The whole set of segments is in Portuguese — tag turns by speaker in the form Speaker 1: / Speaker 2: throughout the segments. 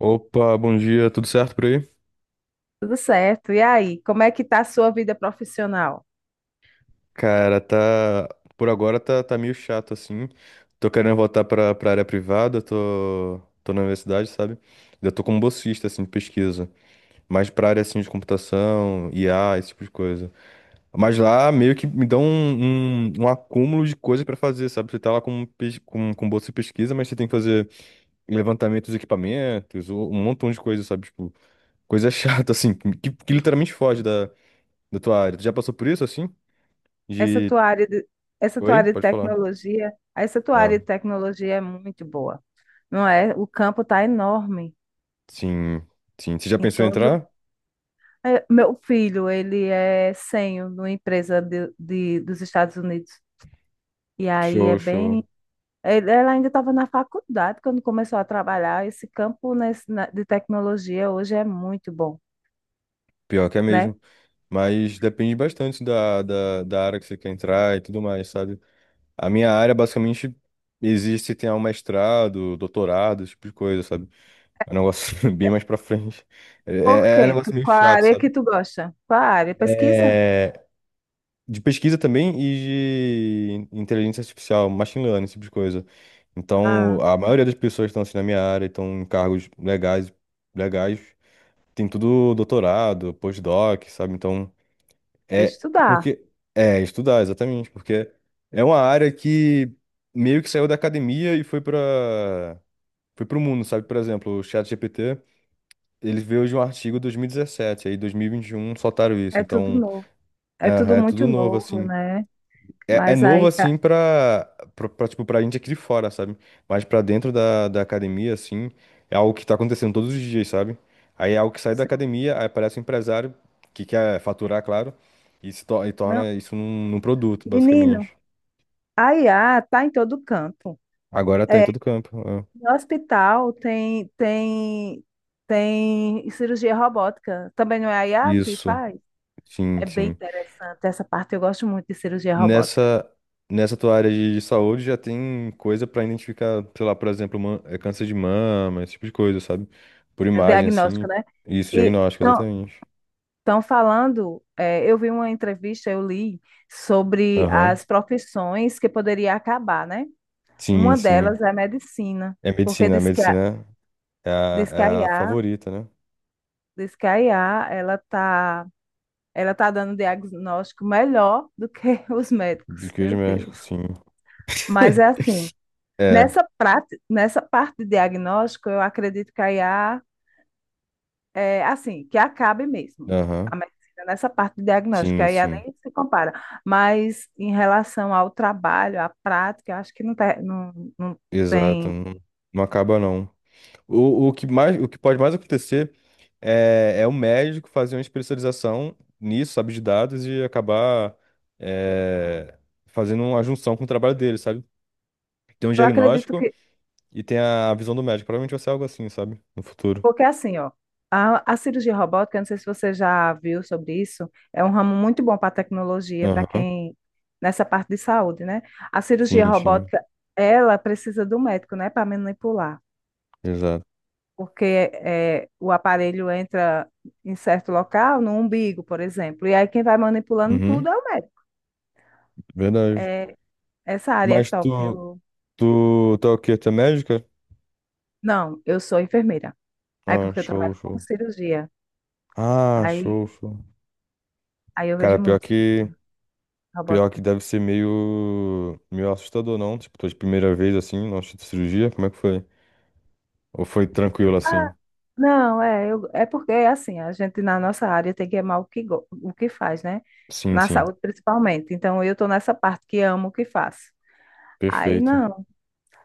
Speaker 1: Opa, bom dia, tudo certo por aí?
Speaker 2: Tudo certo. E aí, como é que tá a sua vida profissional?
Speaker 1: Cara, tá. Por agora tá meio chato assim. Tô querendo voltar pra área privada, tô na universidade, sabe? Eu tô como bolsista, assim, de pesquisa. Mais pra área assim de computação, IA, esse tipo de coisa. Mas lá meio que me dão um acúmulo de coisa pra fazer, sabe? Você tá lá com bolsa de pesquisa, mas você tem que fazer levantamento dos equipamentos, um montão de coisa, sabe? Tipo, coisa chata, assim, que literalmente foge da tua área. Tu já passou por isso assim?
Speaker 2: Essa
Speaker 1: De.
Speaker 2: tua área de,
Speaker 1: Oi? Pode falar.
Speaker 2: essa tua
Speaker 1: Ah,
Speaker 2: área de tecnologia é muito boa, não é? O campo tá enorme
Speaker 1: sim, sim. Você já
Speaker 2: em
Speaker 1: pensou em
Speaker 2: todo.
Speaker 1: entrar?
Speaker 2: Meu filho, ele é sênior numa empresa dos Estados Unidos. E aí é
Speaker 1: Show, show.
Speaker 2: bem. Ele- Ela ainda estava na faculdade quando começou a trabalhar. Esse campo de tecnologia hoje é muito bom,
Speaker 1: Pior que é
Speaker 2: né?
Speaker 1: mesmo. Mas depende bastante da área que você quer entrar e tudo mais, sabe? A minha área, basicamente, existe se tem um mestrado, doutorado, esse tipo de coisa, sabe? É um negócio bem mais pra frente. É,
Speaker 2: Por
Speaker 1: é, é um
Speaker 2: quê?
Speaker 1: negócio meio
Speaker 2: Qual a
Speaker 1: chato,
Speaker 2: área
Speaker 1: sabe?
Speaker 2: que tu gosta? Qual a área? Pesquisa?
Speaker 1: É, de pesquisa também e de inteligência artificial, machine learning, esse tipo de coisa. Então,
Speaker 2: Ah.
Speaker 1: a maioria das pessoas que estão assim na minha área, estão em cargos legais, legais, tem tudo doutorado, postdoc, sabe? Então,
Speaker 2: É
Speaker 1: é
Speaker 2: estudar.
Speaker 1: porque é estudar exatamente, porque é uma área que meio que saiu da academia e foi para foi para o mundo, sabe? Por exemplo, o ChatGPT, ele veio de um artigo 2017, aí 2021 soltaram isso.
Speaker 2: É tudo
Speaker 1: Então,
Speaker 2: novo. É tudo
Speaker 1: é, é tudo
Speaker 2: muito
Speaker 1: novo
Speaker 2: novo,
Speaker 1: assim.
Speaker 2: né?
Speaker 1: É
Speaker 2: Mas
Speaker 1: novo
Speaker 2: aí, ca-
Speaker 1: assim pra, tipo, pra gente aqui de fora, sabe? Mas pra dentro da academia, assim, é algo que tá acontecendo todos os dias, sabe? Aí é algo que sai da
Speaker 2: sim.
Speaker 1: academia, aí aparece um empresário que quer faturar, claro, e, se to- e
Speaker 2: Não,
Speaker 1: torna isso num produto,
Speaker 2: menino,
Speaker 1: basicamente.
Speaker 2: a IA tá em todo canto.
Speaker 1: Agora tá em
Speaker 2: É,
Speaker 1: todo campo. É.
Speaker 2: no hospital tem tem cirurgia robótica. Também não é a IA que
Speaker 1: Isso,
Speaker 2: faz?
Speaker 1: sim,
Speaker 2: É bem
Speaker 1: sim.
Speaker 2: interessante essa parte. Eu gosto muito de cirurgia robótica.
Speaker 1: Nessa, nessa tua área de saúde já tem coisa pra identificar, sei lá, por exemplo, é câncer de mama, esse tipo de coisa, sabe? Por
Speaker 2: É
Speaker 1: imagem,
Speaker 2: diagnóstico,
Speaker 1: assim.
Speaker 2: né?
Speaker 1: Isso,
Speaker 2: E
Speaker 1: diagnóstico,
Speaker 2: estão
Speaker 1: exatamente.
Speaker 2: falando, eu vi uma entrevista, eu li sobre
Speaker 1: Aham.
Speaker 2: as profissões que poderia acabar, né?
Speaker 1: Sim,
Speaker 2: Uma
Speaker 1: sim.
Speaker 2: delas é a medicina,
Speaker 1: É
Speaker 2: porque
Speaker 1: medicina. A medicina é a,
Speaker 2: diz que a
Speaker 1: é a
Speaker 2: IA,
Speaker 1: favorita, né?
Speaker 2: diz que a IA, ela tá dando diagnóstico melhor do que os
Speaker 1: De
Speaker 2: médicos.
Speaker 1: queijo
Speaker 2: Meu
Speaker 1: médico,
Speaker 2: Deus.
Speaker 1: sim.
Speaker 2: Mas é assim,
Speaker 1: É.
Speaker 2: nessa prática, nessa parte de diagnóstico, eu acredito que a IA é assim, que acabe mesmo.
Speaker 1: Aham.
Speaker 2: A medicina nessa parte de diagnóstico, que
Speaker 1: Sim,
Speaker 2: a IA
Speaker 1: sim.
Speaker 2: nem se compara. Mas em relação ao trabalho, à prática, eu acho que não, tá, não
Speaker 1: Exato.
Speaker 2: tem.
Speaker 1: Não, não acaba, não. O que mais, o que pode mais acontecer é o médico fazer uma especialização nisso, sabe, de dados e acabar é, fazendo uma junção com o trabalho dele, sabe? Tem um
Speaker 2: Eu acredito
Speaker 1: diagnóstico
Speaker 2: que
Speaker 1: e tem a visão do médico. Provavelmente vai ser algo assim, sabe? No futuro.
Speaker 2: porque assim, ó, a cirurgia robótica, não sei se você já viu sobre isso, é um ramo muito bom para tecnologia, para
Speaker 1: Aham.
Speaker 2: quem nessa parte de saúde, né? A cirurgia
Speaker 1: Sim, sim.
Speaker 2: robótica, ela precisa do médico, né, para manipular,
Speaker 1: Exato.
Speaker 2: porque o aparelho entra em certo local, no umbigo, por exemplo, e aí quem vai manipulando
Speaker 1: Uhum.
Speaker 2: tudo é o médico.
Speaker 1: Verdade.
Speaker 2: É, essa área é
Speaker 1: Mas tu,
Speaker 2: top.
Speaker 1: tu, tu é o quê? Tu é médica?
Speaker 2: Não, eu sou enfermeira. Aí
Speaker 1: Ah,
Speaker 2: porque eu
Speaker 1: show,
Speaker 2: trabalho com
Speaker 1: show.
Speaker 2: cirurgia.
Speaker 1: Ah, show,
Speaker 2: Aí,
Speaker 1: show.
Speaker 2: aí eu
Speaker 1: Cara,
Speaker 2: vejo
Speaker 1: pior
Speaker 2: muito, sim,
Speaker 1: que, pior que
Speaker 2: robótica.
Speaker 1: deve ser meio assustador, não? Tipo, tua primeira vez assim, na de cirurgia, como é que foi? Ou foi tranquilo
Speaker 2: Ah,
Speaker 1: assim?
Speaker 2: não, é porque é assim, a gente na nossa área tem que amar o que faz, né?
Speaker 1: Sim,
Speaker 2: Na
Speaker 1: sim.
Speaker 2: saúde principalmente. Então eu tô nessa parte que amo o que faço. Aí
Speaker 1: Perfeito.
Speaker 2: não,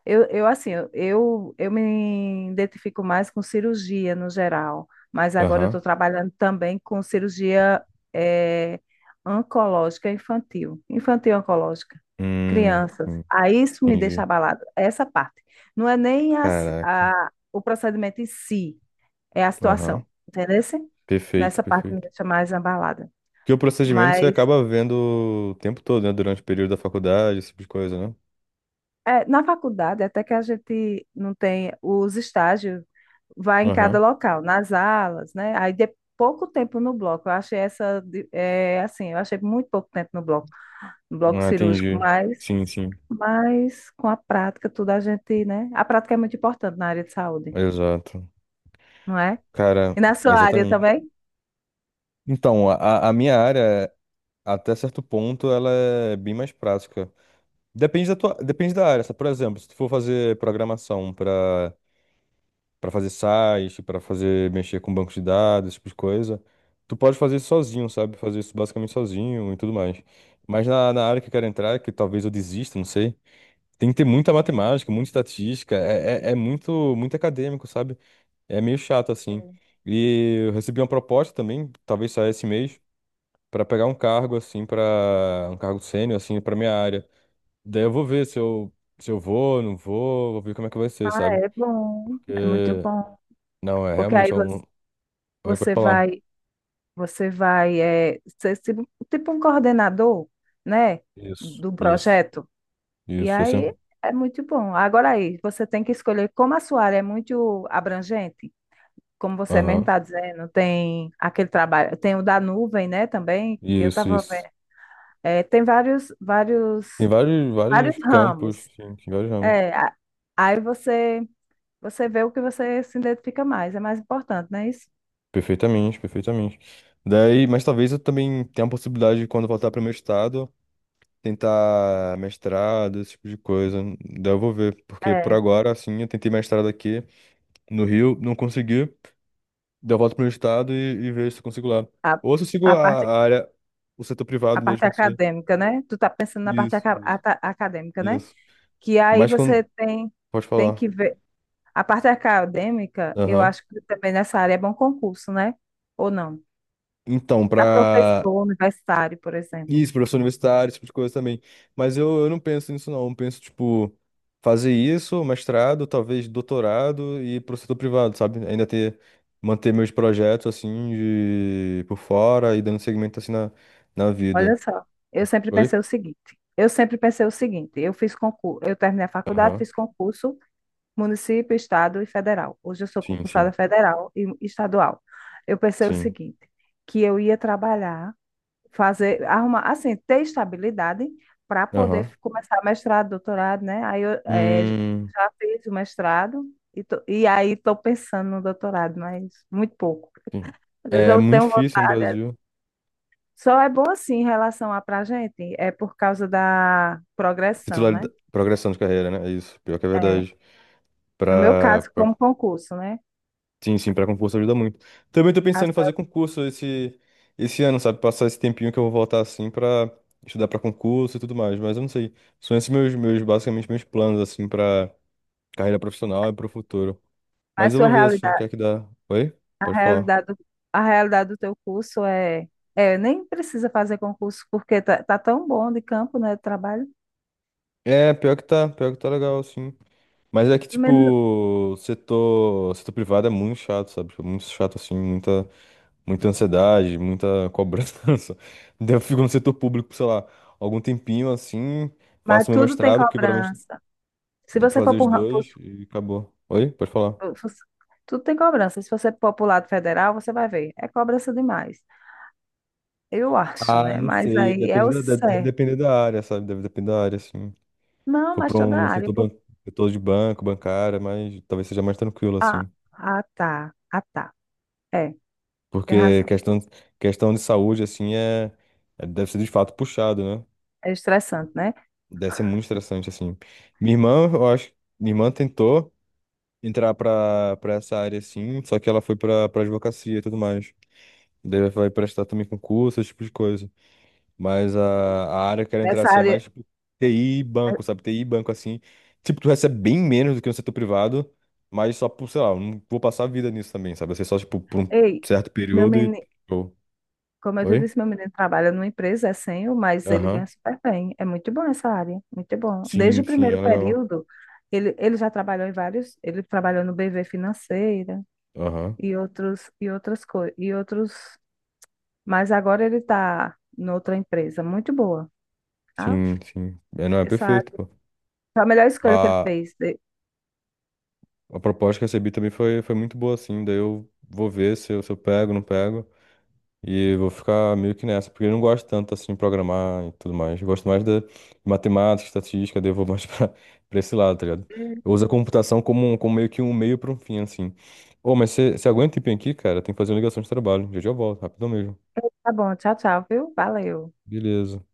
Speaker 2: eu me identifico mais com cirurgia no geral, mas agora eu estou
Speaker 1: Aham.
Speaker 2: trabalhando também com cirurgia eh, oncológica infantil, infantil oncológica, crianças.
Speaker 1: Sim,
Speaker 2: Aí isso me deixa
Speaker 1: entendi.
Speaker 2: abalada, essa parte. Não é nem a,
Speaker 1: Caraca.
Speaker 2: a- o procedimento em si. É a
Speaker 1: Aham.
Speaker 2: situação, entendeu?
Speaker 1: Perfeito,
Speaker 2: Nessa parte me
Speaker 1: perfeito.
Speaker 2: deixa mais abalada.
Speaker 1: Porque o procedimento você
Speaker 2: Mas
Speaker 1: acaba vendo o tempo todo, né? Durante o período da faculdade, esse tipo de coisa, né?
Speaker 2: é, na faculdade, até que a gente não tem os estágios, vai em cada
Speaker 1: Aham.
Speaker 2: local, nas alas, né? Aí de pouco tempo no bloco. Eu achei assim, eu achei muito pouco tempo no bloco, no bloco
Speaker 1: Ah,
Speaker 2: cirúrgico,
Speaker 1: entendi. Sim, sim.
Speaker 2: mas com a prática, tudo a gente, né? A prática é muito importante na área de saúde,
Speaker 1: Exato.
Speaker 2: não é?
Speaker 1: Cara,
Speaker 2: E na sua área
Speaker 1: exatamente.
Speaker 2: também?
Speaker 1: Então, a minha área, até certo ponto, ela é bem mais prática. Depende da tua, depende da área, sabe? Por exemplo, se tu for fazer programação para fazer site, para fazer mexer com banco de dados, esse tipo de coisa, tu pode fazer isso sozinho, sabe? Fazer isso basicamente sozinho e tudo mais. Mas na área que eu quero entrar, que talvez eu desista, não sei, tem que ter muita matemática, muita estatística, é muito, muito acadêmico, sabe? É meio chato, assim. E eu recebi uma proposta também, talvez saia esse mês, pra pegar um cargo, assim, pra. Um cargo sênior, assim, pra minha área. Daí eu vou ver se eu, se eu vou, não vou, vou ver como é que vai ser, sabe?
Speaker 2: É bom,
Speaker 1: Porque.
Speaker 2: é muito bom.
Speaker 1: Não, é
Speaker 2: Porque aí
Speaker 1: realmente é
Speaker 2: você
Speaker 1: um. Oi, pode
Speaker 2: você
Speaker 1: falar.
Speaker 2: vai Você vai é, ser se- tipo um coordenador, né,
Speaker 1: Isso,
Speaker 2: do
Speaker 1: isso,
Speaker 2: projeto. E
Speaker 1: isso, assim.
Speaker 2: aí é muito bom. Agora aí, você tem que escolher como a sua área é muito abrangente, como você mesmo
Speaker 1: Aham.
Speaker 2: está dizendo, tem aquele trabalho, tem o da nuvem, né, também, que eu
Speaker 1: Isso,
Speaker 2: estava
Speaker 1: isso.
Speaker 2: vendo. É,
Speaker 1: Tem vários,
Speaker 2: vários
Speaker 1: vários campos,
Speaker 2: ramos.
Speaker 1: sim, tem vários ramos.
Speaker 2: É, a- aí você, você vê o que você se identifica mais, é mais importante, não é isso?
Speaker 1: Perfeitamente, perfeitamente. Daí, mas talvez eu também tenha a possibilidade de quando voltar para o meu estado, tentar mestrado, esse tipo de coisa. Daí eu vou ver, porque por
Speaker 2: É,
Speaker 1: agora, assim, eu tentei mestrado aqui no Rio, não consegui. Daí eu volto pro meu estado e vejo se eu consigo lá.
Speaker 2: a,
Speaker 1: Ou se eu sigo
Speaker 2: a
Speaker 1: a,
Speaker 2: parte
Speaker 1: a área, o setor
Speaker 2: A
Speaker 1: privado
Speaker 2: parte
Speaker 1: mesmo, não sei.
Speaker 2: acadêmica, né? Tu tá pensando na parte
Speaker 1: Isso, isso,
Speaker 2: acadêmica, né?
Speaker 1: isso.
Speaker 2: Que aí
Speaker 1: Mas
Speaker 2: você
Speaker 1: quando.
Speaker 2: tem,
Speaker 1: Pode
Speaker 2: tem
Speaker 1: falar.
Speaker 2: que ver. A parte acadêmica, eu
Speaker 1: Aham.
Speaker 2: acho que também nessa área é bom concurso, né? Ou não?
Speaker 1: Então,
Speaker 2: Para
Speaker 1: pra
Speaker 2: professor universitário, por exemplo.
Speaker 1: Isso, professor universitário, esse tipo de coisa também. Mas eu não penso nisso, não. Eu penso, tipo, fazer isso, mestrado, talvez doutorado e pro setor privado, sabe? Ainda ter, manter meus projetos, assim, de, por fora e dando segmento, assim, na vida.
Speaker 2: Olha só, eu sempre
Speaker 1: Oi?
Speaker 2: pensei o seguinte. Eu sempre pensei o seguinte, eu fiz concurso, eu terminei a faculdade,
Speaker 1: Aham.
Speaker 2: fiz concurso, município, estado e federal. Hoje eu sou
Speaker 1: Sim,
Speaker 2: concursada
Speaker 1: sim,
Speaker 2: federal e estadual. Eu pensei o
Speaker 1: sim.
Speaker 2: seguinte, que eu ia trabalhar fazer, arrumar, assim, ter estabilidade para poder
Speaker 1: Aham.
Speaker 2: começar mestrado, doutorado, né? Aí
Speaker 1: Hum,
Speaker 2: já fiz o mestrado e aí estou pensando no doutorado, mas muito pouco.
Speaker 1: sim.
Speaker 2: Às vezes
Speaker 1: É
Speaker 2: eu
Speaker 1: muito
Speaker 2: tenho
Speaker 1: difícil no
Speaker 2: vontade.
Speaker 1: Brasil.
Speaker 2: Só é bom assim em relação a pra gente, é por causa da progressão, né?
Speaker 1: Titularidade, progressão de carreira, né? É isso. Pior que é
Speaker 2: É,
Speaker 1: verdade.
Speaker 2: no meu
Speaker 1: Pra,
Speaker 2: caso,
Speaker 1: pra
Speaker 2: como concurso, né?
Speaker 1: Sim, sim, para concurso ajuda muito. Também tô
Speaker 2: A
Speaker 1: pensando em
Speaker 2: sua,
Speaker 1: fazer concurso esse ano, sabe? Passar esse tempinho que eu vou voltar assim pra estudar pra concurso e tudo mais, mas eu não sei. São esses meus basicamente meus planos assim pra carreira profissional e pro futuro.
Speaker 2: a
Speaker 1: Mas eu
Speaker 2: sua
Speaker 1: vou ver assim o que
Speaker 2: realidade,
Speaker 1: é que dá. Oi?
Speaker 2: a
Speaker 1: Pode falar.
Speaker 2: realidade, do- a realidade do teu curso é, é, nem precisa fazer concurso porque tá, tá tão bom de campo, né, de trabalho.
Speaker 1: É, pior que tá legal assim. Mas é que
Speaker 2: Mas
Speaker 1: tipo, setor privado é muito chato, sabe? Tipo, muito chato assim, muita ansiedade, muita cobrança. Daí eu fico no setor público, por, sei lá, algum tempinho assim,
Speaker 2: mas
Speaker 1: faço meu
Speaker 2: tudo tem
Speaker 1: mestrado, porque provavelmente
Speaker 2: cobrança. Se
Speaker 1: dá pra
Speaker 2: você
Speaker 1: fazer
Speaker 2: for
Speaker 1: os
Speaker 2: pro, ra- pro-
Speaker 1: dois e acabou. Oi? Pode falar.
Speaker 2: tudo tem cobrança. Se você for pro lado federal, você vai ver. É cobrança demais. Eu acho,
Speaker 1: Ah,
Speaker 2: né?
Speaker 1: não
Speaker 2: Mas
Speaker 1: sei,
Speaker 2: aí é
Speaker 1: depende
Speaker 2: o
Speaker 1: da, deve
Speaker 2: certo.
Speaker 1: depender da área, sabe? Deve depender da área, assim. Se
Speaker 2: Não,
Speaker 1: for
Speaker 2: mas
Speaker 1: pra
Speaker 2: toda
Speaker 1: um
Speaker 2: a área.
Speaker 1: setor, ban...
Speaker 2: Porque...
Speaker 1: setor de banco, bancária, mas talvez seja mais tranquilo,
Speaker 2: Ah,
Speaker 1: assim.
Speaker 2: ah, tá. Ah, tá. É, tem
Speaker 1: Porque
Speaker 2: razão.
Speaker 1: questão de saúde, assim, deve ser de fato puxado, né?
Speaker 2: É estressante, né?
Speaker 1: Deve ser muito estressante, assim. Minha irmã, eu acho, minha irmã tentou entrar pra essa área assim, só que ela foi pra advocacia e tudo mais. Daí ela vai prestar também concurso, esse tipo de coisa. Mas a área que eu quero entrar
Speaker 2: Nessa
Speaker 1: assim é mais
Speaker 2: área.
Speaker 1: tipo, TI e
Speaker 2: É,
Speaker 1: banco, sabe? TI e banco assim. Tipo, tu recebe bem menos do que no setor privado, mas só por, sei lá, eu não vou passar a vida nisso também, sabe? Vai ser só, tipo, por um
Speaker 2: Ei,
Speaker 1: certo
Speaker 2: meu
Speaker 1: período e.
Speaker 2: menino.
Speaker 1: Oh,
Speaker 2: Como eu te
Speaker 1: Oi?
Speaker 2: disse, meu menino trabalha numa empresa, é sênior, mas ele
Speaker 1: Aham.
Speaker 2: ganha super bem. É muito bom essa área, muito bom. Desde
Speaker 1: Sim,
Speaker 2: o
Speaker 1: sim, é
Speaker 2: primeiro
Speaker 1: legal.
Speaker 2: período, ele já trabalhou em vários, ele trabalhou no BV Financeira
Speaker 1: Aham.
Speaker 2: e outras coisas, mas agora ele está noutra empresa muito boa, tá?
Speaker 1: Sim, sim. É, não, é
Speaker 2: Essa
Speaker 1: perfeito, pô.
Speaker 2: foi a melhor escolha que ele fez.
Speaker 1: A proposta que eu recebi também foi muito boa, assim. Daí eu vou ver se eu, se eu pego, não pego. E vou ficar meio que nessa, porque eu não gosto tanto, assim, de programar e tudo mais. Eu gosto mais da matemática, estatística, daí eu vou mais pra esse lado, tá ligado? Eu uso a computação como meio que um meio pra um fim, assim. Ô, mas você aguenta um tempinho aqui, cara? Tem que fazer uma ligação de trabalho. Já já eu volto, rapidão mesmo.
Speaker 2: Tá bom, tchau, tchau, viu? Valeu.
Speaker 1: Beleza.